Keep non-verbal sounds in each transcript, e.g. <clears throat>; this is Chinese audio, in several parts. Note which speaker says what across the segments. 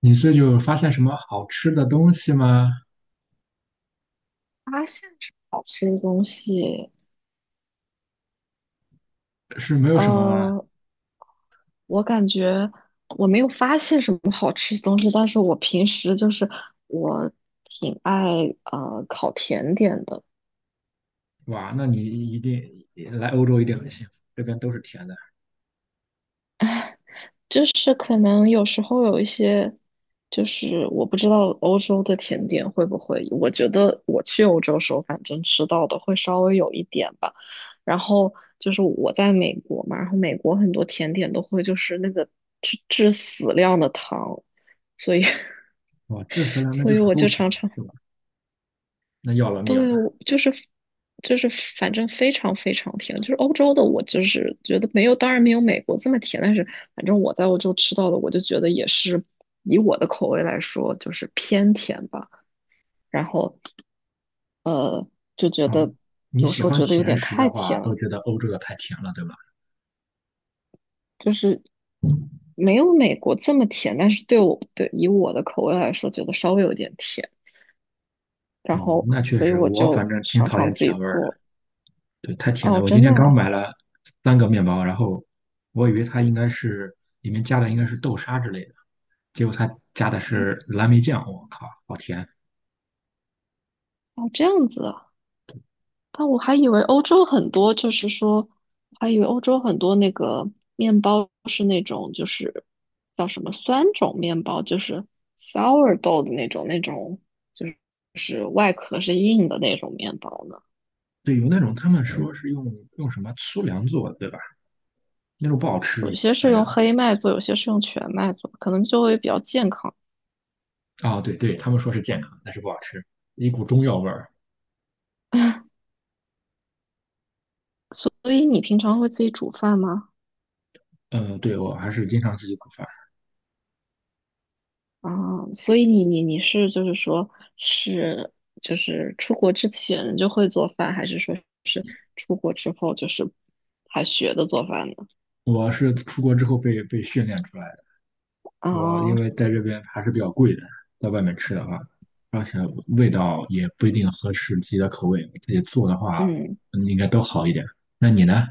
Speaker 1: 你这就发现什么好吃的东西吗？
Speaker 2: 发现什么好吃的东西。
Speaker 1: 是没有什么吗？
Speaker 2: 呃，我感觉我没有发现什么好吃的东西，但是我平时我挺爱烤甜点的，
Speaker 1: 哇，那你一定来欧洲一定很幸福，这边都是甜的。
Speaker 2: 就是可能有时候有一些，就是我不知道欧洲的甜点会不会，我觉得我去欧洲时候，反正吃到的会稍微有一点吧。然后就是我在美国嘛，然后美国很多甜点都会就是那个致死量的糖，所以 <laughs>
Speaker 1: 哇，这次呢，那
Speaker 2: 所
Speaker 1: 就
Speaker 2: 以
Speaker 1: 是
Speaker 2: 我
Speaker 1: 齁
Speaker 2: 就
Speaker 1: 甜
Speaker 2: 常
Speaker 1: 了，
Speaker 2: 常。
Speaker 1: 对吧？那要了命
Speaker 2: 对，
Speaker 1: 了
Speaker 2: 我就是就是反正非常非常甜，就是欧洲的我就是觉得没有，当然没有美国这么甜，但是反正我在欧洲吃到的，我就觉得也是以我的口味来说，就是偏甜吧。然后呃，就觉
Speaker 1: 啊！
Speaker 2: 得
Speaker 1: 你
Speaker 2: 有
Speaker 1: 喜
Speaker 2: 时候
Speaker 1: 欢
Speaker 2: 觉得有
Speaker 1: 甜
Speaker 2: 点
Speaker 1: 食
Speaker 2: 太
Speaker 1: 的话，
Speaker 2: 甜
Speaker 1: 都
Speaker 2: 了，
Speaker 1: 觉得欧洲的太甜了，对吧？
Speaker 2: 就是没有美国这么甜，但是对我对以我的口味来说，觉得稍微有点甜。然
Speaker 1: 哦，
Speaker 2: 后
Speaker 1: 那确
Speaker 2: 所以
Speaker 1: 实，
Speaker 2: 我
Speaker 1: 我
Speaker 2: 就
Speaker 1: 反正挺
Speaker 2: 常
Speaker 1: 讨
Speaker 2: 常
Speaker 1: 厌
Speaker 2: 自己
Speaker 1: 甜味儿的，
Speaker 2: 做。
Speaker 1: 对，太甜了。
Speaker 2: 哦，
Speaker 1: 我今
Speaker 2: 真的
Speaker 1: 天刚
Speaker 2: 啊。
Speaker 1: 买了三个面包，然后我以为它应该是里面加的应该是豆沙之类的，结果它加的是蓝莓酱，我靠，好甜！
Speaker 2: 哦，这样子啊。但我还以为欧洲很多，就是说，我还以为欧洲很多那个面包是那种，就是叫什么酸种面包，就是 sourdough 的那种，那种就是就是外壳是硬的那种面包呢。
Speaker 1: 对，有那种他们说是用什么粗粮做的，对吧？那种不好吃，
Speaker 2: 有些是
Speaker 1: 反正
Speaker 2: 用黑麦做，有些是用全麦做，可能就会比较健康。
Speaker 1: 啊，对对，他们说是健康，但是不好吃，一股中药味儿。
Speaker 2: <laughs> 所以你平常会自己煮饭吗？
Speaker 1: 嗯，对，我还是经常自己煮饭。
Speaker 2: 啊，所以你是就是说是就是出国之前就会做饭，还是说是出国之后就是还学的做饭呢？
Speaker 1: 我是出国之后被训练出来的。我
Speaker 2: 啊，
Speaker 1: 因为在这边还是比较贵的，在外面吃的话，而且味道也不一定合适自己的口味。自己做的话，
Speaker 2: 嗯。
Speaker 1: 嗯应该都好一点。那你呢？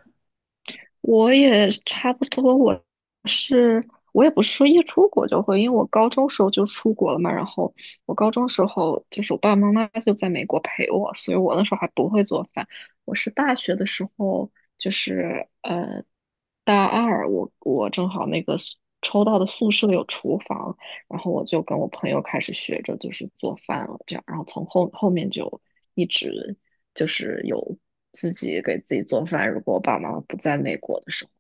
Speaker 2: 我也差不多，我是我也不是说一出国就会，因为我高中时候就出国了嘛。然后我高中时候就是我爸爸妈妈就在美国陪我，所以我那时候还不会做饭。我是大学的时候，就是呃大二我正好那个抽到的宿舍有厨房，然后我就跟我朋友开始学着就是做饭了，这样，然后从后面就一直就是有自己给自己做饭。如果我爸爸妈妈不在美国的时候，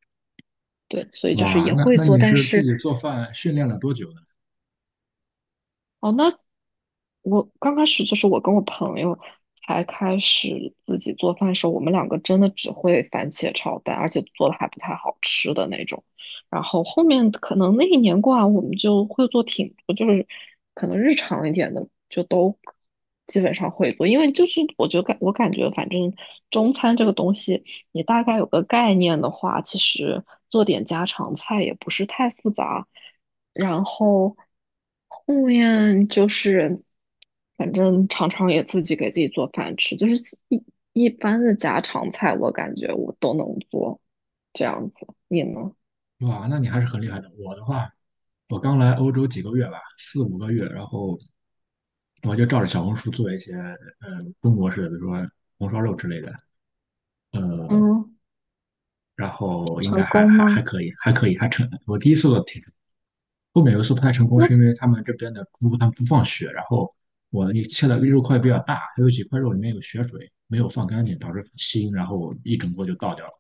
Speaker 2: 对，所以就是
Speaker 1: 哇，
Speaker 2: 也
Speaker 1: 那
Speaker 2: 会
Speaker 1: 那
Speaker 2: 做，
Speaker 1: 你
Speaker 2: 但
Speaker 1: 是自
Speaker 2: 是
Speaker 1: 己做饭训练了多久呢？
Speaker 2: 哦，那我刚开始就是我跟我朋友才开始自己做饭的时候，我们两个真的只会番茄炒蛋，而且做的还不太好吃的那种。然后后面可能那一年过完，我们就会做挺多，就是可能日常一点的就都基本上会做，因为就是我感觉反正中餐这个东西，你大概有个概念的话，其实做点家常菜也不是太复杂。然后后面就是，反正常常也自己给自己做饭吃，就是一一般的家常菜，我感觉我都能做，这样子。你呢？
Speaker 1: 哇，那你还是很厉害的。我的话，我刚来欧洲几个月吧，四五个月，然后我就照着小红书做一些中国式的，比如说红烧肉之类的，呃，
Speaker 2: 嗯，
Speaker 1: 然后应
Speaker 2: 成
Speaker 1: 该还
Speaker 2: 功
Speaker 1: 还还
Speaker 2: 吗？
Speaker 1: 可以，还可以，还成。我第一次做挺成。后面有一次不太成功，
Speaker 2: 那
Speaker 1: 是因为他们这边的猪他们不放血，然后我那切的肉块比较大，还有几块肉里面有血水，没有放干净，导致很腥，然后一整锅就倒掉了。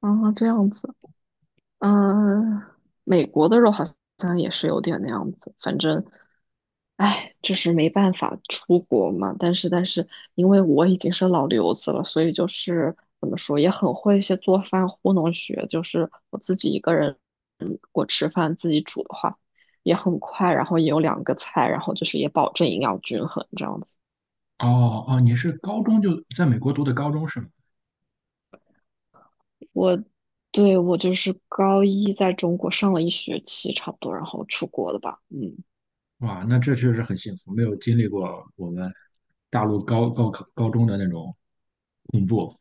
Speaker 2: 啊，这样子。嗯，美国的肉好像也是有点那样子，反正，哎，就是没办法出国嘛。但是，但是因为我已经是老留子了，所以就是怎么说，也很会一些做饭糊弄学。就是我自己一个人，嗯，我吃饭自己煮的话，也很快，然后也有两个菜，然后就是也保证营养均衡这样子。
Speaker 1: 哦哦，你是高中就在美国读的高中是吗？
Speaker 2: 我对，我就是高一在中国上了一学期差不多，然后出国了吧，嗯。
Speaker 1: 哇，那这确实很幸福，没有经历过我们大陆高考高中的那种恐怖。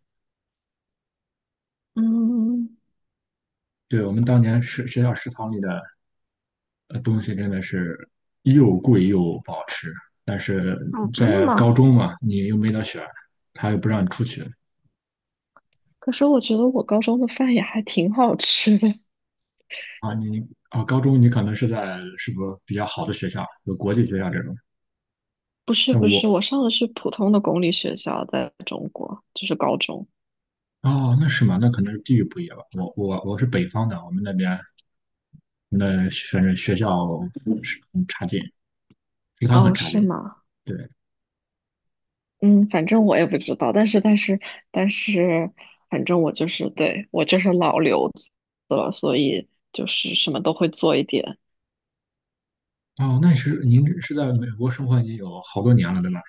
Speaker 2: 嗯，
Speaker 1: 对，我们当年是学校食堂里的东西真的是又贵又不好吃，但是
Speaker 2: 哦，真的
Speaker 1: 在高
Speaker 2: 吗？
Speaker 1: 中嘛，你又没得选，他又不让你出去。
Speaker 2: 可是我觉得我高中的饭也还挺好吃的。<laughs>
Speaker 1: 啊，高中你可能是在是不是比较好的学校，有国际学校这种，
Speaker 2: 不是
Speaker 1: 那
Speaker 2: 不是，
Speaker 1: 我
Speaker 2: 我上的是普通的公立学校，在中国就是高中。
Speaker 1: 啊，那是嘛，那可能是地域不一样吧。我是北方的，我们那边那反正学校是很差劲。食堂很
Speaker 2: 哦，
Speaker 1: 差
Speaker 2: 是
Speaker 1: 劲。
Speaker 2: 吗？
Speaker 1: 对，
Speaker 2: 嗯，反正我也不知道，但是但是，反正我就是老留子了，所以就是什么都会做一点。
Speaker 1: 哦，那是您是在美国生活已经有好多年了，对吧？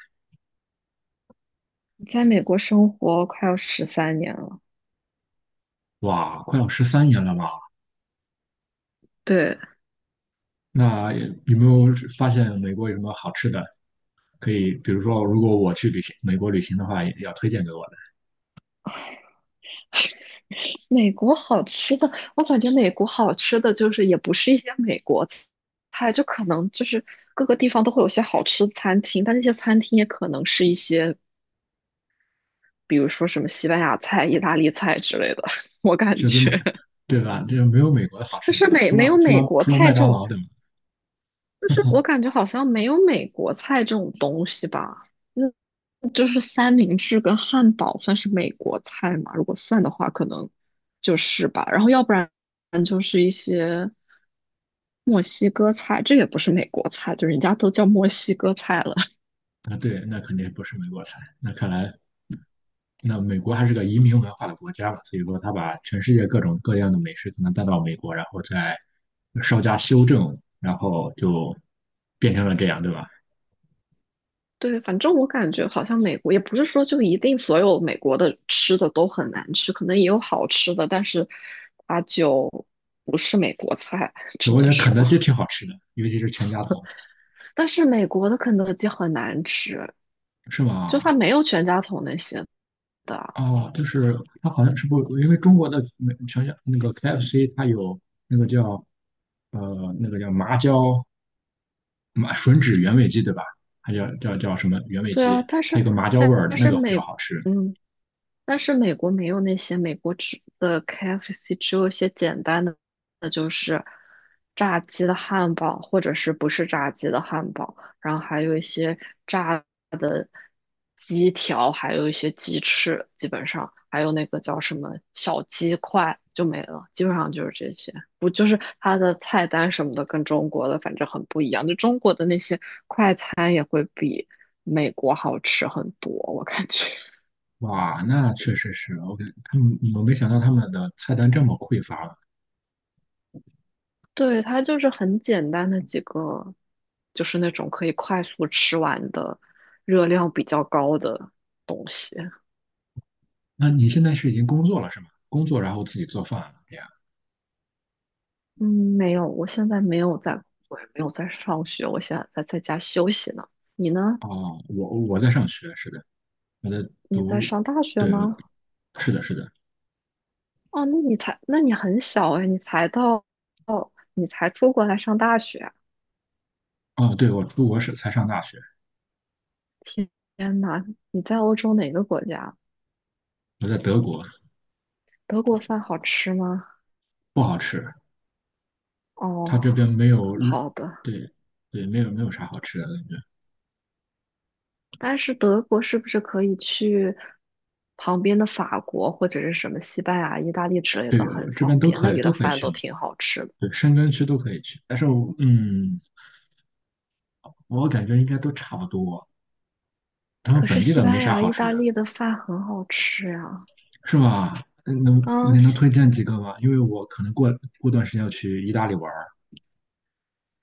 Speaker 2: 在美国生活快要13年了，
Speaker 1: 哇，快要13年了吧？
Speaker 2: 对，
Speaker 1: 那有没有发现美国有什么好吃的？可以，比如说，如果我去旅行美国旅行的话，也要推荐给我的，
Speaker 2: 美国好吃的，我感觉美国好吃的就是也不是一些美国菜，就可能就是各个地方都会有些好吃的餐厅，但那些餐厅也可能是一些，比如说什么西班牙菜、意大利菜之类的。<laughs> 我感
Speaker 1: 绝对
Speaker 2: 觉
Speaker 1: 对吧？这没有美国的好吃
Speaker 2: 就
Speaker 1: 的
Speaker 2: 是
Speaker 1: 吧？
Speaker 2: 美
Speaker 1: 除
Speaker 2: 没
Speaker 1: 了
Speaker 2: 有
Speaker 1: 除
Speaker 2: 美
Speaker 1: 了
Speaker 2: 国
Speaker 1: 除了麦
Speaker 2: 菜这
Speaker 1: 当
Speaker 2: 种，
Speaker 1: 劳，对吗？
Speaker 2: 就是我
Speaker 1: <laughs>
Speaker 2: 感觉好像没有美国菜这种东西吧。嗯，就是三明治跟汉堡算是美国菜嘛？如果算的话，可能就是吧。然后要不然就是一些。墨西哥菜，这也不是美国菜，就人家都叫墨西哥菜了。<laughs>
Speaker 1: 啊，对，那肯定不是美国菜。那看来美国还是个移民文化的国家嘛，所以说他把全世界各种各样的美食可能带到美国，然后再稍加修正，然后就变成了这样，对吧？
Speaker 2: 对，反正我感觉好像美国也不是说就一定所有美国的吃的都很难吃，可能也有好吃的，但是它就不是美国菜，
Speaker 1: 对，
Speaker 2: 只
Speaker 1: 我觉
Speaker 2: 能
Speaker 1: 得肯
Speaker 2: 说。
Speaker 1: 德基挺好吃的，尤其是全家桶，
Speaker 2: 但是美国的肯德基很难吃，
Speaker 1: 是
Speaker 2: 就
Speaker 1: 吗？
Speaker 2: 它没有全家桶那些的啊。
Speaker 1: 哦，就是它好像是不，因为中国的美全家那个 KFC 它有那个叫那个叫麻椒吮指原味鸡，对吧？它叫什么原味
Speaker 2: 对啊，
Speaker 1: 鸡？
Speaker 2: 但
Speaker 1: 它
Speaker 2: 是
Speaker 1: 有个麻椒
Speaker 2: 但
Speaker 1: 味儿的
Speaker 2: 但
Speaker 1: 那
Speaker 2: 是
Speaker 1: 个比较
Speaker 2: 美，
Speaker 1: 好吃。
Speaker 2: 嗯，但是美国没有那些美国只的 KFC，只有一些简单的，那就是炸鸡的汉堡，或者是不是炸鸡的汉堡，然后还有一些炸鸡条，还有一些鸡翅，基本上还有那个叫什么小鸡块就没了，基本上就是这些。不就是它的菜单什么的跟中国的反正很不一样，就中国的那些快餐也会比美国好吃很多，我感觉。
Speaker 1: 哇，那确实是 OK。他们，我没想到他们的菜单这么匮乏了。
Speaker 2: 对，它就是很简单的几个，就是那种可以快速吃完的，热量比较高的东西。
Speaker 1: 那你现在是已经工作了是吗？工作然后自己做饭了这样。
Speaker 2: 嗯，没有，我现在没有在工作，也没有在上学，我现在在家休息呢。你呢？
Speaker 1: 哦，我在上学，是的，我在
Speaker 2: 你在
Speaker 1: 读，
Speaker 2: 上大学
Speaker 1: 对，我
Speaker 2: 吗？
Speaker 1: 是的，是的。
Speaker 2: 哦，那你才，那你很小哎，你才到，你才出国来上大学啊。
Speaker 1: 哦，对，我出国士才上大学，
Speaker 2: 天天呐，你在欧洲哪个国家？
Speaker 1: 我在德国，
Speaker 2: 德国饭好吃吗？
Speaker 1: 不好吃，他
Speaker 2: 哦，
Speaker 1: 这边没有日，
Speaker 2: 好的。
Speaker 1: 对对，没有没有啥好吃的感觉。
Speaker 2: 但是德国是不是可以去旁边的法国或者是什么西班牙、意大利之类
Speaker 1: 对，
Speaker 2: 的，
Speaker 1: 我
Speaker 2: 很
Speaker 1: 这边
Speaker 2: 方
Speaker 1: 都
Speaker 2: 便，那
Speaker 1: 可以
Speaker 2: 里
Speaker 1: 都
Speaker 2: 的
Speaker 1: 可以
Speaker 2: 饭
Speaker 1: 去
Speaker 2: 都
Speaker 1: 嘛，
Speaker 2: 挺好吃的。
Speaker 1: 对，申根区都可以去。但是我嗯，我感觉应该都差不多，他们
Speaker 2: 可是
Speaker 1: 本地
Speaker 2: 西
Speaker 1: 的没
Speaker 2: 班
Speaker 1: 啥
Speaker 2: 牙、
Speaker 1: 好
Speaker 2: 意
Speaker 1: 吃
Speaker 2: 大
Speaker 1: 的。
Speaker 2: 利的饭很好吃呀、
Speaker 1: 是吗？嗯能
Speaker 2: 嗯，
Speaker 1: 您能推荐几个吗？因为我可能过段时间要去意大利玩儿，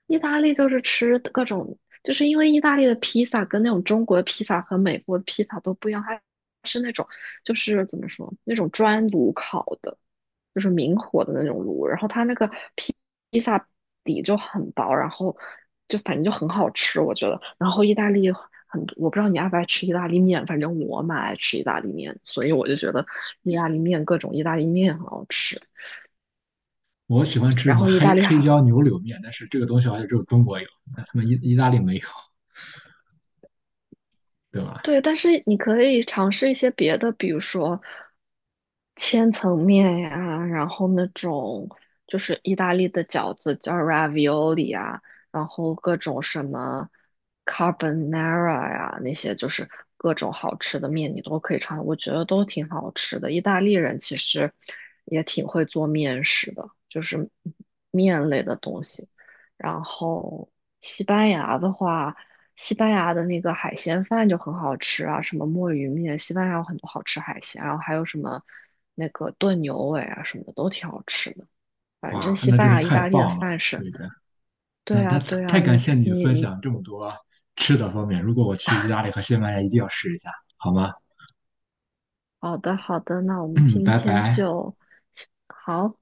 Speaker 2: 意大利就是吃各种，就是因为意大利的披萨跟那种中国的披萨和美国的披萨都不一样，它是那种就是怎么说，那种专炉烤的。就是明火的那种炉，然后它那个披披萨底就很薄，然后就反正就很好吃，我觉得。然后意大利很多我不知道你爱不爱吃意大利面，反正我蛮爱吃意大利面，所以我就觉得意大利面各种意大利面很好吃。
Speaker 1: 我喜欢吃什
Speaker 2: 然
Speaker 1: 么
Speaker 2: 后意大利
Speaker 1: 黑
Speaker 2: 还
Speaker 1: 椒牛柳面，但是这个东西好像只有中国有，那他们意大利没有，对吧？
Speaker 2: 对，但是你可以尝试一些别的，比如说千层面呀，然后那种就是意大利的饺子叫 ravioli 啊，然后各种什么 carbonara 呀，那些就是各种好吃的面你都可以尝，我觉得都挺好吃的。意大利人其实也挺会做面食的，就是面类的东西。然后西班牙的话。西班牙的那个海鲜饭就很好吃啊，什么墨鱼面，西班牙有很多好吃海鲜，然后还有什么那个炖牛尾啊什么的都挺好吃的。反
Speaker 1: 哇，
Speaker 2: 正西
Speaker 1: 那
Speaker 2: 班
Speaker 1: 真是
Speaker 2: 牙、意
Speaker 1: 太
Speaker 2: 大利的
Speaker 1: 棒了！
Speaker 2: 饭是，
Speaker 1: 对的，
Speaker 2: 对
Speaker 1: 那
Speaker 2: 啊，
Speaker 1: 他
Speaker 2: 对
Speaker 1: 太
Speaker 2: 啊，
Speaker 1: 感
Speaker 2: 你
Speaker 1: 谢你
Speaker 2: 你
Speaker 1: 分
Speaker 2: 你，
Speaker 1: 享这么多吃的方面，如果我去意大利和西班牙，一定要试一下，好吗？
Speaker 2: 好的好的，那我
Speaker 1: <clears throat>
Speaker 2: 们
Speaker 1: 嗯，
Speaker 2: 今
Speaker 1: 拜
Speaker 2: 天
Speaker 1: 拜。
Speaker 2: 就好。